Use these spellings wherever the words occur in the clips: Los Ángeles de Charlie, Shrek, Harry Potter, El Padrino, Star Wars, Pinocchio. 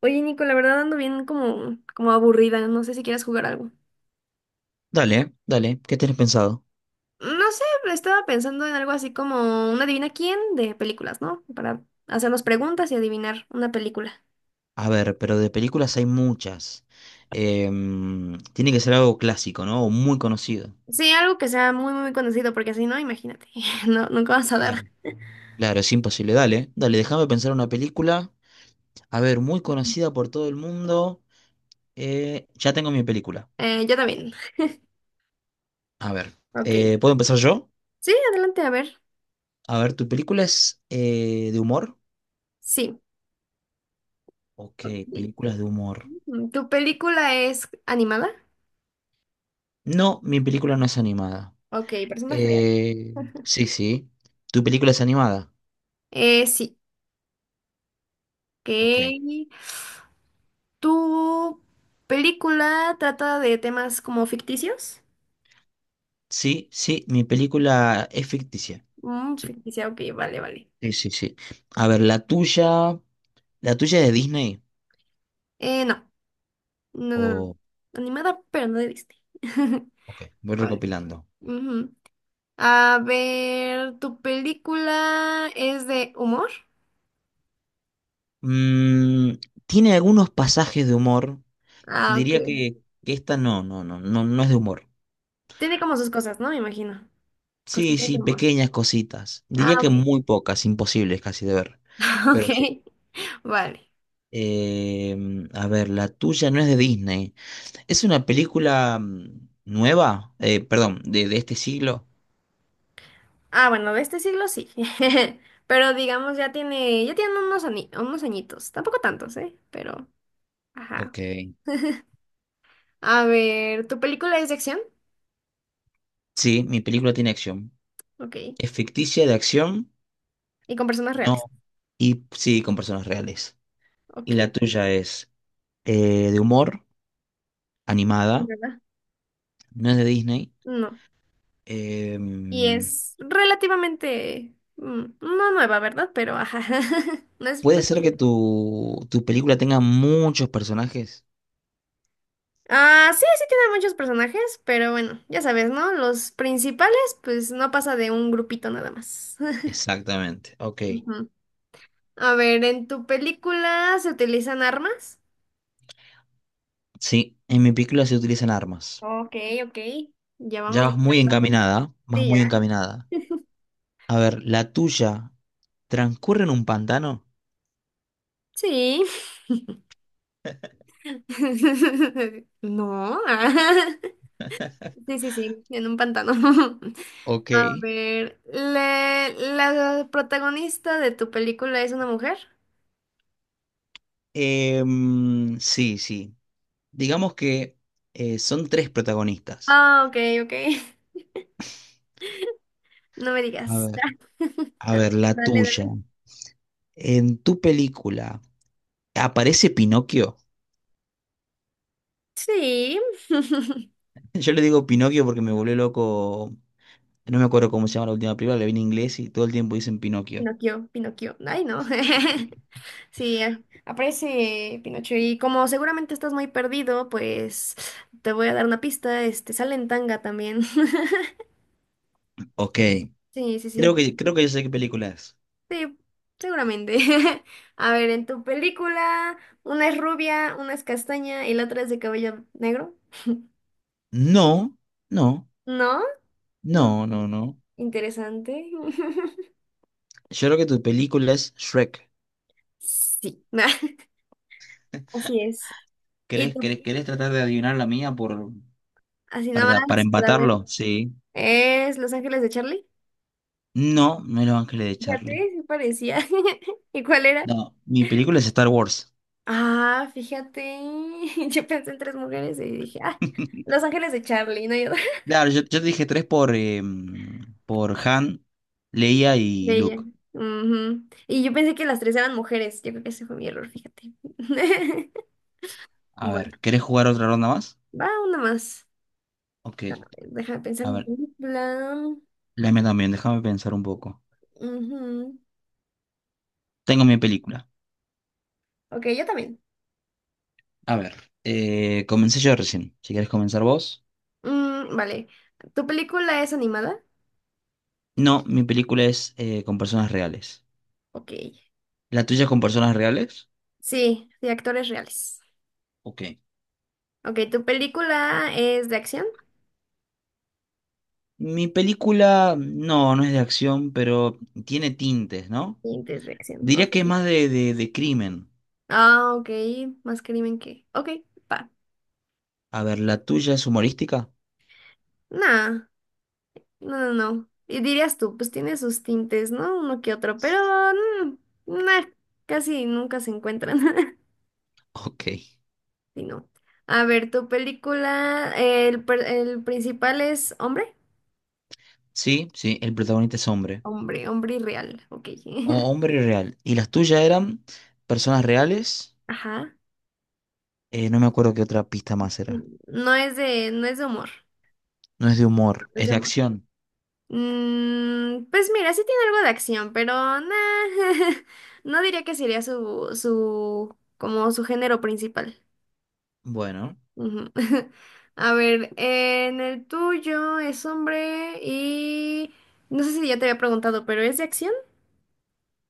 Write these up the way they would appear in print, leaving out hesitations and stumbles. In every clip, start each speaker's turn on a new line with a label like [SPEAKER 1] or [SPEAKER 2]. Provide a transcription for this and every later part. [SPEAKER 1] Oye, Nico, la verdad ando bien como aburrida. No sé si quieres jugar algo.
[SPEAKER 2] Dale, dale, ¿qué tenés pensado?
[SPEAKER 1] No sé, estaba pensando en algo así como una adivina quién de películas, ¿no? Para hacernos preguntas y adivinar una película.
[SPEAKER 2] A ver, pero de películas hay muchas. Tiene que ser algo clásico, ¿no? O muy conocido.
[SPEAKER 1] Sí, algo que sea muy, muy conocido, porque si no, imagínate. No, nunca vas a dar.
[SPEAKER 2] Claro. Claro, es imposible. Dale, dale, déjame pensar una película. A ver, muy conocida por todo el mundo. Ya tengo mi película.
[SPEAKER 1] Yo también.
[SPEAKER 2] A ver,
[SPEAKER 1] Ok.
[SPEAKER 2] ¿puedo empezar yo?
[SPEAKER 1] Sí, adelante, a ver.
[SPEAKER 2] A ver, ¿tu película es de humor?
[SPEAKER 1] Sí.
[SPEAKER 2] Ok,
[SPEAKER 1] Ok.
[SPEAKER 2] películas de humor.
[SPEAKER 1] ¿Tu película es animada?
[SPEAKER 2] No, mi película no es animada.
[SPEAKER 1] Ok, personas reales.
[SPEAKER 2] Eh, sí, sí. ¿Tu película es animada?
[SPEAKER 1] Sí. Ok.
[SPEAKER 2] Ok.
[SPEAKER 1] ¿Tu película trata de temas como ficticios?
[SPEAKER 2] Sí, sí, mi película es ficticia. Sí,
[SPEAKER 1] Ficticia, ok, vale, vale.
[SPEAKER 2] sí, sí, sí. A ver, la tuya es de Disney.
[SPEAKER 1] No, no, no, no.
[SPEAKER 2] O,
[SPEAKER 1] Animada, pero no de Disney.
[SPEAKER 2] ok, voy
[SPEAKER 1] Vale.
[SPEAKER 2] recopilando.
[SPEAKER 1] Ujú. A ver, ¿tu película es de humor?
[SPEAKER 2] Mm, Tiene algunos pasajes de humor.
[SPEAKER 1] Ah, ok.
[SPEAKER 2] Diría que esta no, no, no, no, no es de humor.
[SPEAKER 1] Tiene como sus cosas, ¿no? Me imagino.
[SPEAKER 2] Sí,
[SPEAKER 1] Cositas de
[SPEAKER 2] sí,
[SPEAKER 1] humor.
[SPEAKER 2] pequeñas cositas. Diría
[SPEAKER 1] Ah,
[SPEAKER 2] que
[SPEAKER 1] ok.
[SPEAKER 2] muy pocas, imposibles casi de ver.
[SPEAKER 1] Ok.
[SPEAKER 2] Pero sí.
[SPEAKER 1] Vale.
[SPEAKER 2] A ver, la tuya no es de Disney. ¿Es una película nueva? Perdón, de este siglo.
[SPEAKER 1] Ah, bueno, de este siglo sí. Pero digamos, ya tiene unos, unos añitos. Tampoco tantos, ¿eh? Pero, ajá.
[SPEAKER 2] Ok.
[SPEAKER 1] A ver, ¿tu película es de acción?
[SPEAKER 2] Sí, mi película tiene acción.
[SPEAKER 1] Ok.
[SPEAKER 2] Es ficticia de acción,
[SPEAKER 1] Y con personas
[SPEAKER 2] no,
[SPEAKER 1] reales.
[SPEAKER 2] y sí, con personas reales. Y
[SPEAKER 1] Ok.
[SPEAKER 2] la tuya es de humor,
[SPEAKER 1] Sí,
[SPEAKER 2] animada,
[SPEAKER 1] ¿verdad?
[SPEAKER 2] no es de Disney.
[SPEAKER 1] No. Y
[SPEAKER 2] Em,
[SPEAKER 1] es relativamente, no nueva, ¿verdad? Pero ajá. No es.
[SPEAKER 2] Puede ser que tu película tenga muchos personajes.
[SPEAKER 1] Ah, sí, sí tiene muchos personajes, pero bueno, ya sabes, ¿no? Los principales, pues no pasa de un grupito nada más.
[SPEAKER 2] Exactamente, ok.
[SPEAKER 1] Ujú. A ver, ¿en tu película se utilizan armas?
[SPEAKER 2] Sí, en mi película se utilizan armas.
[SPEAKER 1] Ok, ok. Ya vamos
[SPEAKER 2] Ya vas muy
[SPEAKER 1] descartando.
[SPEAKER 2] encaminada, vas
[SPEAKER 1] Sí,
[SPEAKER 2] muy
[SPEAKER 1] ya.
[SPEAKER 2] encaminada. A ver, la tuya transcurre en un pantano.
[SPEAKER 1] Sí. No. Sí, sí, sí, en un pantano.
[SPEAKER 2] Ok.
[SPEAKER 1] A ver, ¿la, la protagonista de tu película es una mujer?
[SPEAKER 2] Sí, sí. Digamos que son tres protagonistas.
[SPEAKER 1] Ah, ok, ok. No me
[SPEAKER 2] A
[SPEAKER 1] digas.
[SPEAKER 2] ver. A ver, la
[SPEAKER 1] Dale,
[SPEAKER 2] tuya.
[SPEAKER 1] dale.
[SPEAKER 2] En tu película, ¿aparece Pinocchio?
[SPEAKER 1] Sí.
[SPEAKER 2] Yo le digo Pinocchio porque me volvió loco. No me acuerdo cómo se llama la última película, la vi en inglés y todo el tiempo dicen Pinocchio.
[SPEAKER 1] Pinocchio, Pinocchio. Ay, no. Sí, aparece Pinocho. Y como seguramente estás muy perdido, pues te voy a dar una pista. Este, sale en tanga también.
[SPEAKER 2] Ok,
[SPEAKER 1] Sí, sí,
[SPEAKER 2] creo
[SPEAKER 1] sí.
[SPEAKER 2] que, creo que yo sé qué película es.
[SPEAKER 1] Sí, seguramente. A ver, en tu película, una es rubia, una es castaña y la otra es de cabello negro.
[SPEAKER 2] No, no,
[SPEAKER 1] ¿No? Mm,
[SPEAKER 2] no, no, no.
[SPEAKER 1] Interesante.
[SPEAKER 2] Yo creo que tu película es Shrek.
[SPEAKER 1] Sí, así es. Y
[SPEAKER 2] ¿Querés,
[SPEAKER 1] tú,
[SPEAKER 2] querés, querés tratar de adivinar la mía por,
[SPEAKER 1] así nada
[SPEAKER 2] para
[SPEAKER 1] más, para ver.
[SPEAKER 2] empatarlo? Sí.
[SPEAKER 1] ¿Es Los Ángeles de Charlie?
[SPEAKER 2] No, no, es Los Ángeles de
[SPEAKER 1] Fíjate,
[SPEAKER 2] Charlie.
[SPEAKER 1] sí parecía. ¿Y cuál era?
[SPEAKER 2] No, mi película es Star Wars.
[SPEAKER 1] Ah, fíjate. Yo pensé en tres mujeres y dije, ah, Los Ángeles de Charlie, no hay
[SPEAKER 2] Claro, yo te dije tres por, por Han, Leia y
[SPEAKER 1] Bella.
[SPEAKER 2] Luke.
[SPEAKER 1] Ujú. Y yo pensé que las tres eran mujeres. Yo creo que ese fue mi error, fíjate.
[SPEAKER 2] A ver,
[SPEAKER 1] Bueno,
[SPEAKER 2] ¿querés jugar otra ronda más?
[SPEAKER 1] va una más.
[SPEAKER 2] Ok,
[SPEAKER 1] A ver, deja de pensar
[SPEAKER 2] a
[SPEAKER 1] mi
[SPEAKER 2] ver,
[SPEAKER 1] película.
[SPEAKER 2] la mía también, déjame pensar un poco.
[SPEAKER 1] Ujú.
[SPEAKER 2] Tengo mi película.
[SPEAKER 1] Ok, yo también.
[SPEAKER 2] A ver, comencé yo recién. Si querés comenzar vos.
[SPEAKER 1] Vale. ¿Tu película es animada?
[SPEAKER 2] No, mi película es con personas reales.
[SPEAKER 1] Ok.
[SPEAKER 2] ¿La tuya es con personas reales?
[SPEAKER 1] Sí, de actores reales.
[SPEAKER 2] Ok.
[SPEAKER 1] Ok, ¿tu película es de acción?
[SPEAKER 2] Mi película, no es de acción, pero tiene tintes, ¿no?
[SPEAKER 1] Sí, es de acción.
[SPEAKER 2] Diría
[SPEAKER 1] Ok.
[SPEAKER 2] que es más de, de crimen.
[SPEAKER 1] Ah, ok. Más crimen que. Ok, va.
[SPEAKER 2] A ver, ¿la tuya es humorística?
[SPEAKER 1] Nah. No, no, no. Y dirías tú, pues tiene sus tintes, ¿no? Uno que otro, pero mm, nah, casi nunca se encuentran.
[SPEAKER 2] Ok.
[SPEAKER 1] Sí, no. A ver, tu película, el principal es hombre.
[SPEAKER 2] Sí, sí, el protagonista es hombre.
[SPEAKER 1] Hombre, hombre real, ok.
[SPEAKER 2] O hombre real. ¿Y las tuyas eran personas reales?
[SPEAKER 1] Ajá.
[SPEAKER 2] No me acuerdo qué otra pista más era.
[SPEAKER 1] No es de, no es de humor.
[SPEAKER 2] No es de
[SPEAKER 1] No
[SPEAKER 2] humor,
[SPEAKER 1] es
[SPEAKER 2] es
[SPEAKER 1] de
[SPEAKER 2] de
[SPEAKER 1] humor.
[SPEAKER 2] acción.
[SPEAKER 1] Pues mira, sí tiene algo de acción, pero nah, no diría que sería su, su, como su género principal.
[SPEAKER 2] Bueno,
[SPEAKER 1] Ujú. A ver, en el tuyo es hombre y no sé si ya te había preguntado, pero ¿es de acción?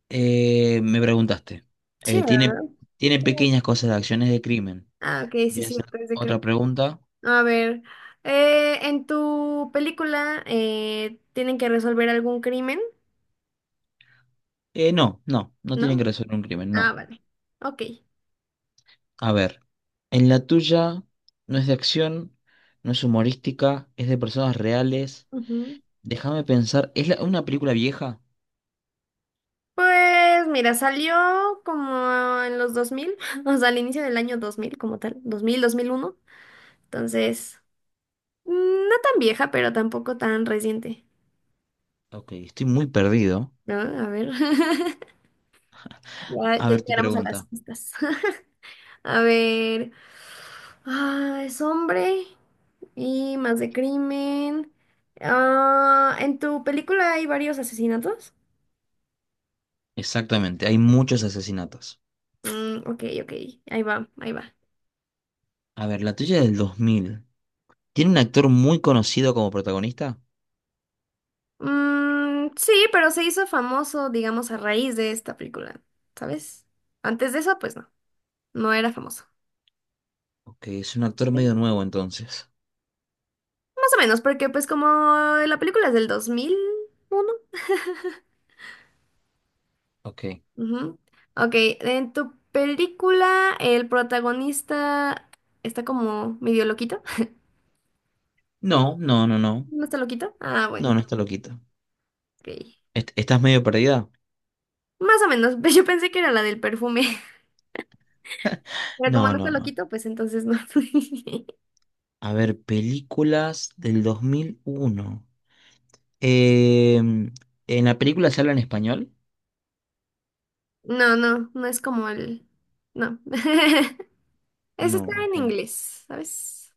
[SPEAKER 2] me preguntaste.
[SPEAKER 1] Sí,
[SPEAKER 2] Eh, ¿tiene,
[SPEAKER 1] ¿verdad?
[SPEAKER 2] tiene pequeñas cosas de acciones de crimen?
[SPEAKER 1] Ah, ok, sí,
[SPEAKER 2] ¿Quieres
[SPEAKER 1] sí,
[SPEAKER 2] hacer
[SPEAKER 1] es de
[SPEAKER 2] otra
[SPEAKER 1] crimen.
[SPEAKER 2] pregunta?
[SPEAKER 1] A ver, en tu película tienen que resolver algún crimen,
[SPEAKER 2] No, no, no tienen
[SPEAKER 1] ¿no?
[SPEAKER 2] que resolver un crimen,
[SPEAKER 1] Ah,
[SPEAKER 2] no.
[SPEAKER 1] vale. Ok.
[SPEAKER 2] A ver, en la tuya no es de acción, no es humorística, es de personas reales.
[SPEAKER 1] Ujú.
[SPEAKER 2] Déjame pensar, ¿es una película vieja?
[SPEAKER 1] Pues mira, salió como en los 2000 o sea, al inicio del año 2000 como tal, 2001. Entonces... Mm, no tan vieja, pero tampoco tan reciente,
[SPEAKER 2] Ok, estoy muy perdido.
[SPEAKER 1] ¿no? A ver. Ya,
[SPEAKER 2] A
[SPEAKER 1] ya
[SPEAKER 2] ver tu
[SPEAKER 1] llegaremos a las
[SPEAKER 2] pregunta.
[SPEAKER 1] pistas. A ver. Ah, es hombre y más de crimen. Ah, ¿en tu película hay varios asesinatos?
[SPEAKER 2] Exactamente, hay muchos asesinatos.
[SPEAKER 1] Mm, ok, ok. Ahí va, ahí va.
[SPEAKER 2] A ver, la tuya es del 2000. ¿Tiene un actor muy conocido como protagonista?
[SPEAKER 1] Mm, sí, pero se hizo famoso, digamos, a raíz de esta película, ¿sabes? Antes de eso, pues no, no era famoso.
[SPEAKER 2] Ok, es un actor
[SPEAKER 1] Sí.
[SPEAKER 2] medio nuevo entonces.
[SPEAKER 1] Más o menos, porque pues como la película es del 2001.
[SPEAKER 2] Ok.
[SPEAKER 1] Ujú. Ok, en tu película el protagonista está como medio loquito.
[SPEAKER 2] No, no, no, no.
[SPEAKER 1] ¿No está loquito? Ah,
[SPEAKER 2] No,
[SPEAKER 1] bueno,
[SPEAKER 2] no está loquito.
[SPEAKER 1] ok.
[SPEAKER 2] ¿Estás medio perdida?
[SPEAKER 1] Más o menos, yo pensé que era la del perfume, pero como
[SPEAKER 2] No,
[SPEAKER 1] no está
[SPEAKER 2] no, no.
[SPEAKER 1] loquito, pues entonces no.
[SPEAKER 2] A ver, películas del 2001. Em, ¿En la película se habla en español?
[SPEAKER 1] No, no, no es como el... No. Eso
[SPEAKER 2] No.
[SPEAKER 1] está en
[SPEAKER 2] Ok.
[SPEAKER 1] inglés, ¿sabes?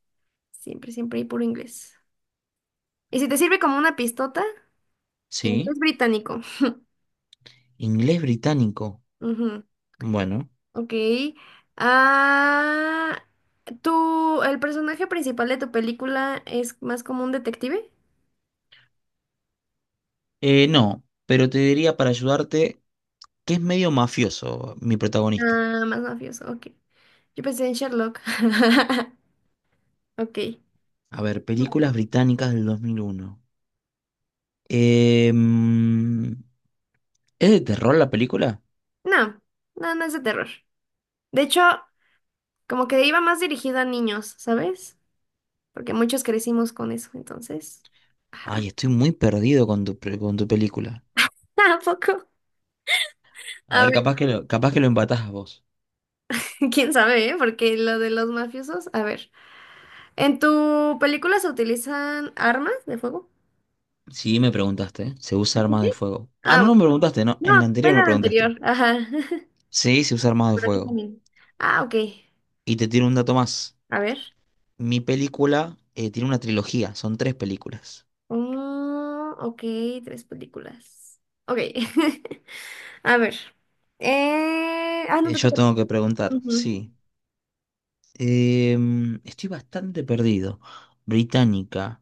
[SPEAKER 1] Siempre, siempre hay puro inglés. Y si te sirve como una pistota,
[SPEAKER 2] ¿Sí?
[SPEAKER 1] inglés británico.
[SPEAKER 2] ¿Inglés británico? Bueno,
[SPEAKER 1] Ok. Ah, el personaje principal de tu película es más como un detective?
[SPEAKER 2] no, pero te diría para ayudarte que es medio mafioso mi protagonista.
[SPEAKER 1] Ah, más mafioso, ok. Yo pensé en Sherlock. Ok.
[SPEAKER 2] A ver, películas
[SPEAKER 1] Vale.
[SPEAKER 2] británicas del 2001. Em, ¿Es de terror la película?
[SPEAKER 1] No, no, no es de terror. De hecho, como que iba más dirigido a niños, ¿sabes? Porque muchos crecimos con eso, entonces. Ajá.
[SPEAKER 2] Ay, estoy muy perdido con con tu película.
[SPEAKER 1] Tampoco.
[SPEAKER 2] A
[SPEAKER 1] A
[SPEAKER 2] ver,
[SPEAKER 1] ver,
[SPEAKER 2] capaz que lo empatás a vos.
[SPEAKER 1] quién sabe, ¿eh? Porque lo de los mafiosos. A ver, ¿en tu película se utilizan armas de fuego?
[SPEAKER 2] Sí, me preguntaste. ¿Eh? ¿Se usa armas de
[SPEAKER 1] Sí.
[SPEAKER 2] fuego? Ah,
[SPEAKER 1] Ah,
[SPEAKER 2] no, no
[SPEAKER 1] bueno.
[SPEAKER 2] me preguntaste, no. En la
[SPEAKER 1] No, fue
[SPEAKER 2] anterior me
[SPEAKER 1] la
[SPEAKER 2] preguntaste.
[SPEAKER 1] anterior. Ajá.
[SPEAKER 2] Sí, se usa armas de
[SPEAKER 1] Pero aquí
[SPEAKER 2] fuego.
[SPEAKER 1] también. Ah, ok.
[SPEAKER 2] Y te tiro un dato más.
[SPEAKER 1] A ver.
[SPEAKER 2] Mi película tiene una trilogía, son tres películas.
[SPEAKER 1] Mm, ok, tres películas. Ok. A ver. Ah, no te
[SPEAKER 2] Yo
[SPEAKER 1] toca.
[SPEAKER 2] tengo que preguntar,
[SPEAKER 1] Ujú.
[SPEAKER 2] sí. Estoy bastante perdido. Británica.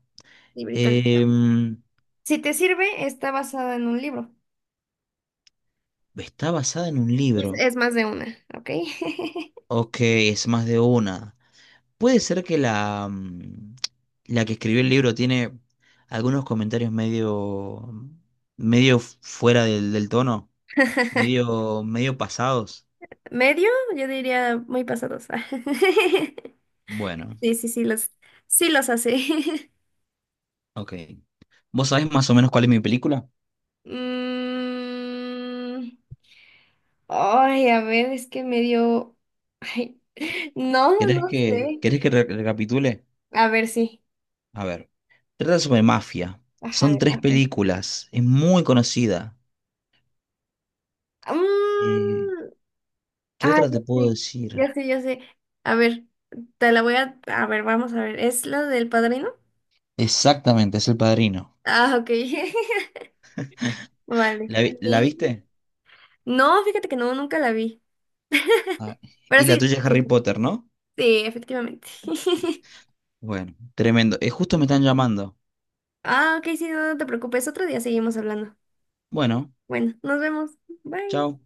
[SPEAKER 1] Sí, británica.
[SPEAKER 2] Em,
[SPEAKER 1] Si te sirve, está basada en un libro.
[SPEAKER 2] Está basada en un libro.
[SPEAKER 1] Es más de una, ¿ok?
[SPEAKER 2] Ok, es más de una. Puede ser que la que escribió el libro tiene algunos comentarios medio, medio fuera del tono, medio, medio pasados.
[SPEAKER 1] Medio, yo diría muy pasados.
[SPEAKER 2] Bueno,
[SPEAKER 1] Sí, sí, sí, sí los hace.
[SPEAKER 2] ok. ¿Vos sabés más o menos cuál es mi película?
[SPEAKER 1] Mm, ay, a ver, es que me dio... Ay, no,
[SPEAKER 2] ¿Querés
[SPEAKER 1] no
[SPEAKER 2] que,
[SPEAKER 1] sé.
[SPEAKER 2] querés que recapitule?
[SPEAKER 1] A ver, sí.
[SPEAKER 2] A ver, trata sobre mafia.
[SPEAKER 1] Ajá,
[SPEAKER 2] Son
[SPEAKER 1] de
[SPEAKER 2] tres
[SPEAKER 1] abajo.
[SPEAKER 2] películas. Es muy conocida. Eh,
[SPEAKER 1] Mm,
[SPEAKER 2] ¿Qué
[SPEAKER 1] ay,
[SPEAKER 2] otra
[SPEAKER 1] ya
[SPEAKER 2] te puedo
[SPEAKER 1] sé,
[SPEAKER 2] decir?
[SPEAKER 1] ya sé, ya sé. A ver, te la voy a... A ver, vamos a ver. ¿Es la del padrino?
[SPEAKER 2] Exactamente, es El Padrino.
[SPEAKER 1] Ah, ok. Vale.
[SPEAKER 2] ¿La
[SPEAKER 1] Y-
[SPEAKER 2] viste?
[SPEAKER 1] No, fíjate que no, nunca la vi.
[SPEAKER 2] Ah,
[SPEAKER 1] Pero
[SPEAKER 2] y la
[SPEAKER 1] sí,
[SPEAKER 2] tuya es Harry Potter, ¿no?
[SPEAKER 1] sí, efectivamente.
[SPEAKER 2] Bueno, tremendo. Justo me están llamando.
[SPEAKER 1] Ah, ok, sí, no, no te preocupes. Otro día seguimos hablando.
[SPEAKER 2] Bueno,
[SPEAKER 1] Bueno, nos vemos. Bye.
[SPEAKER 2] chao.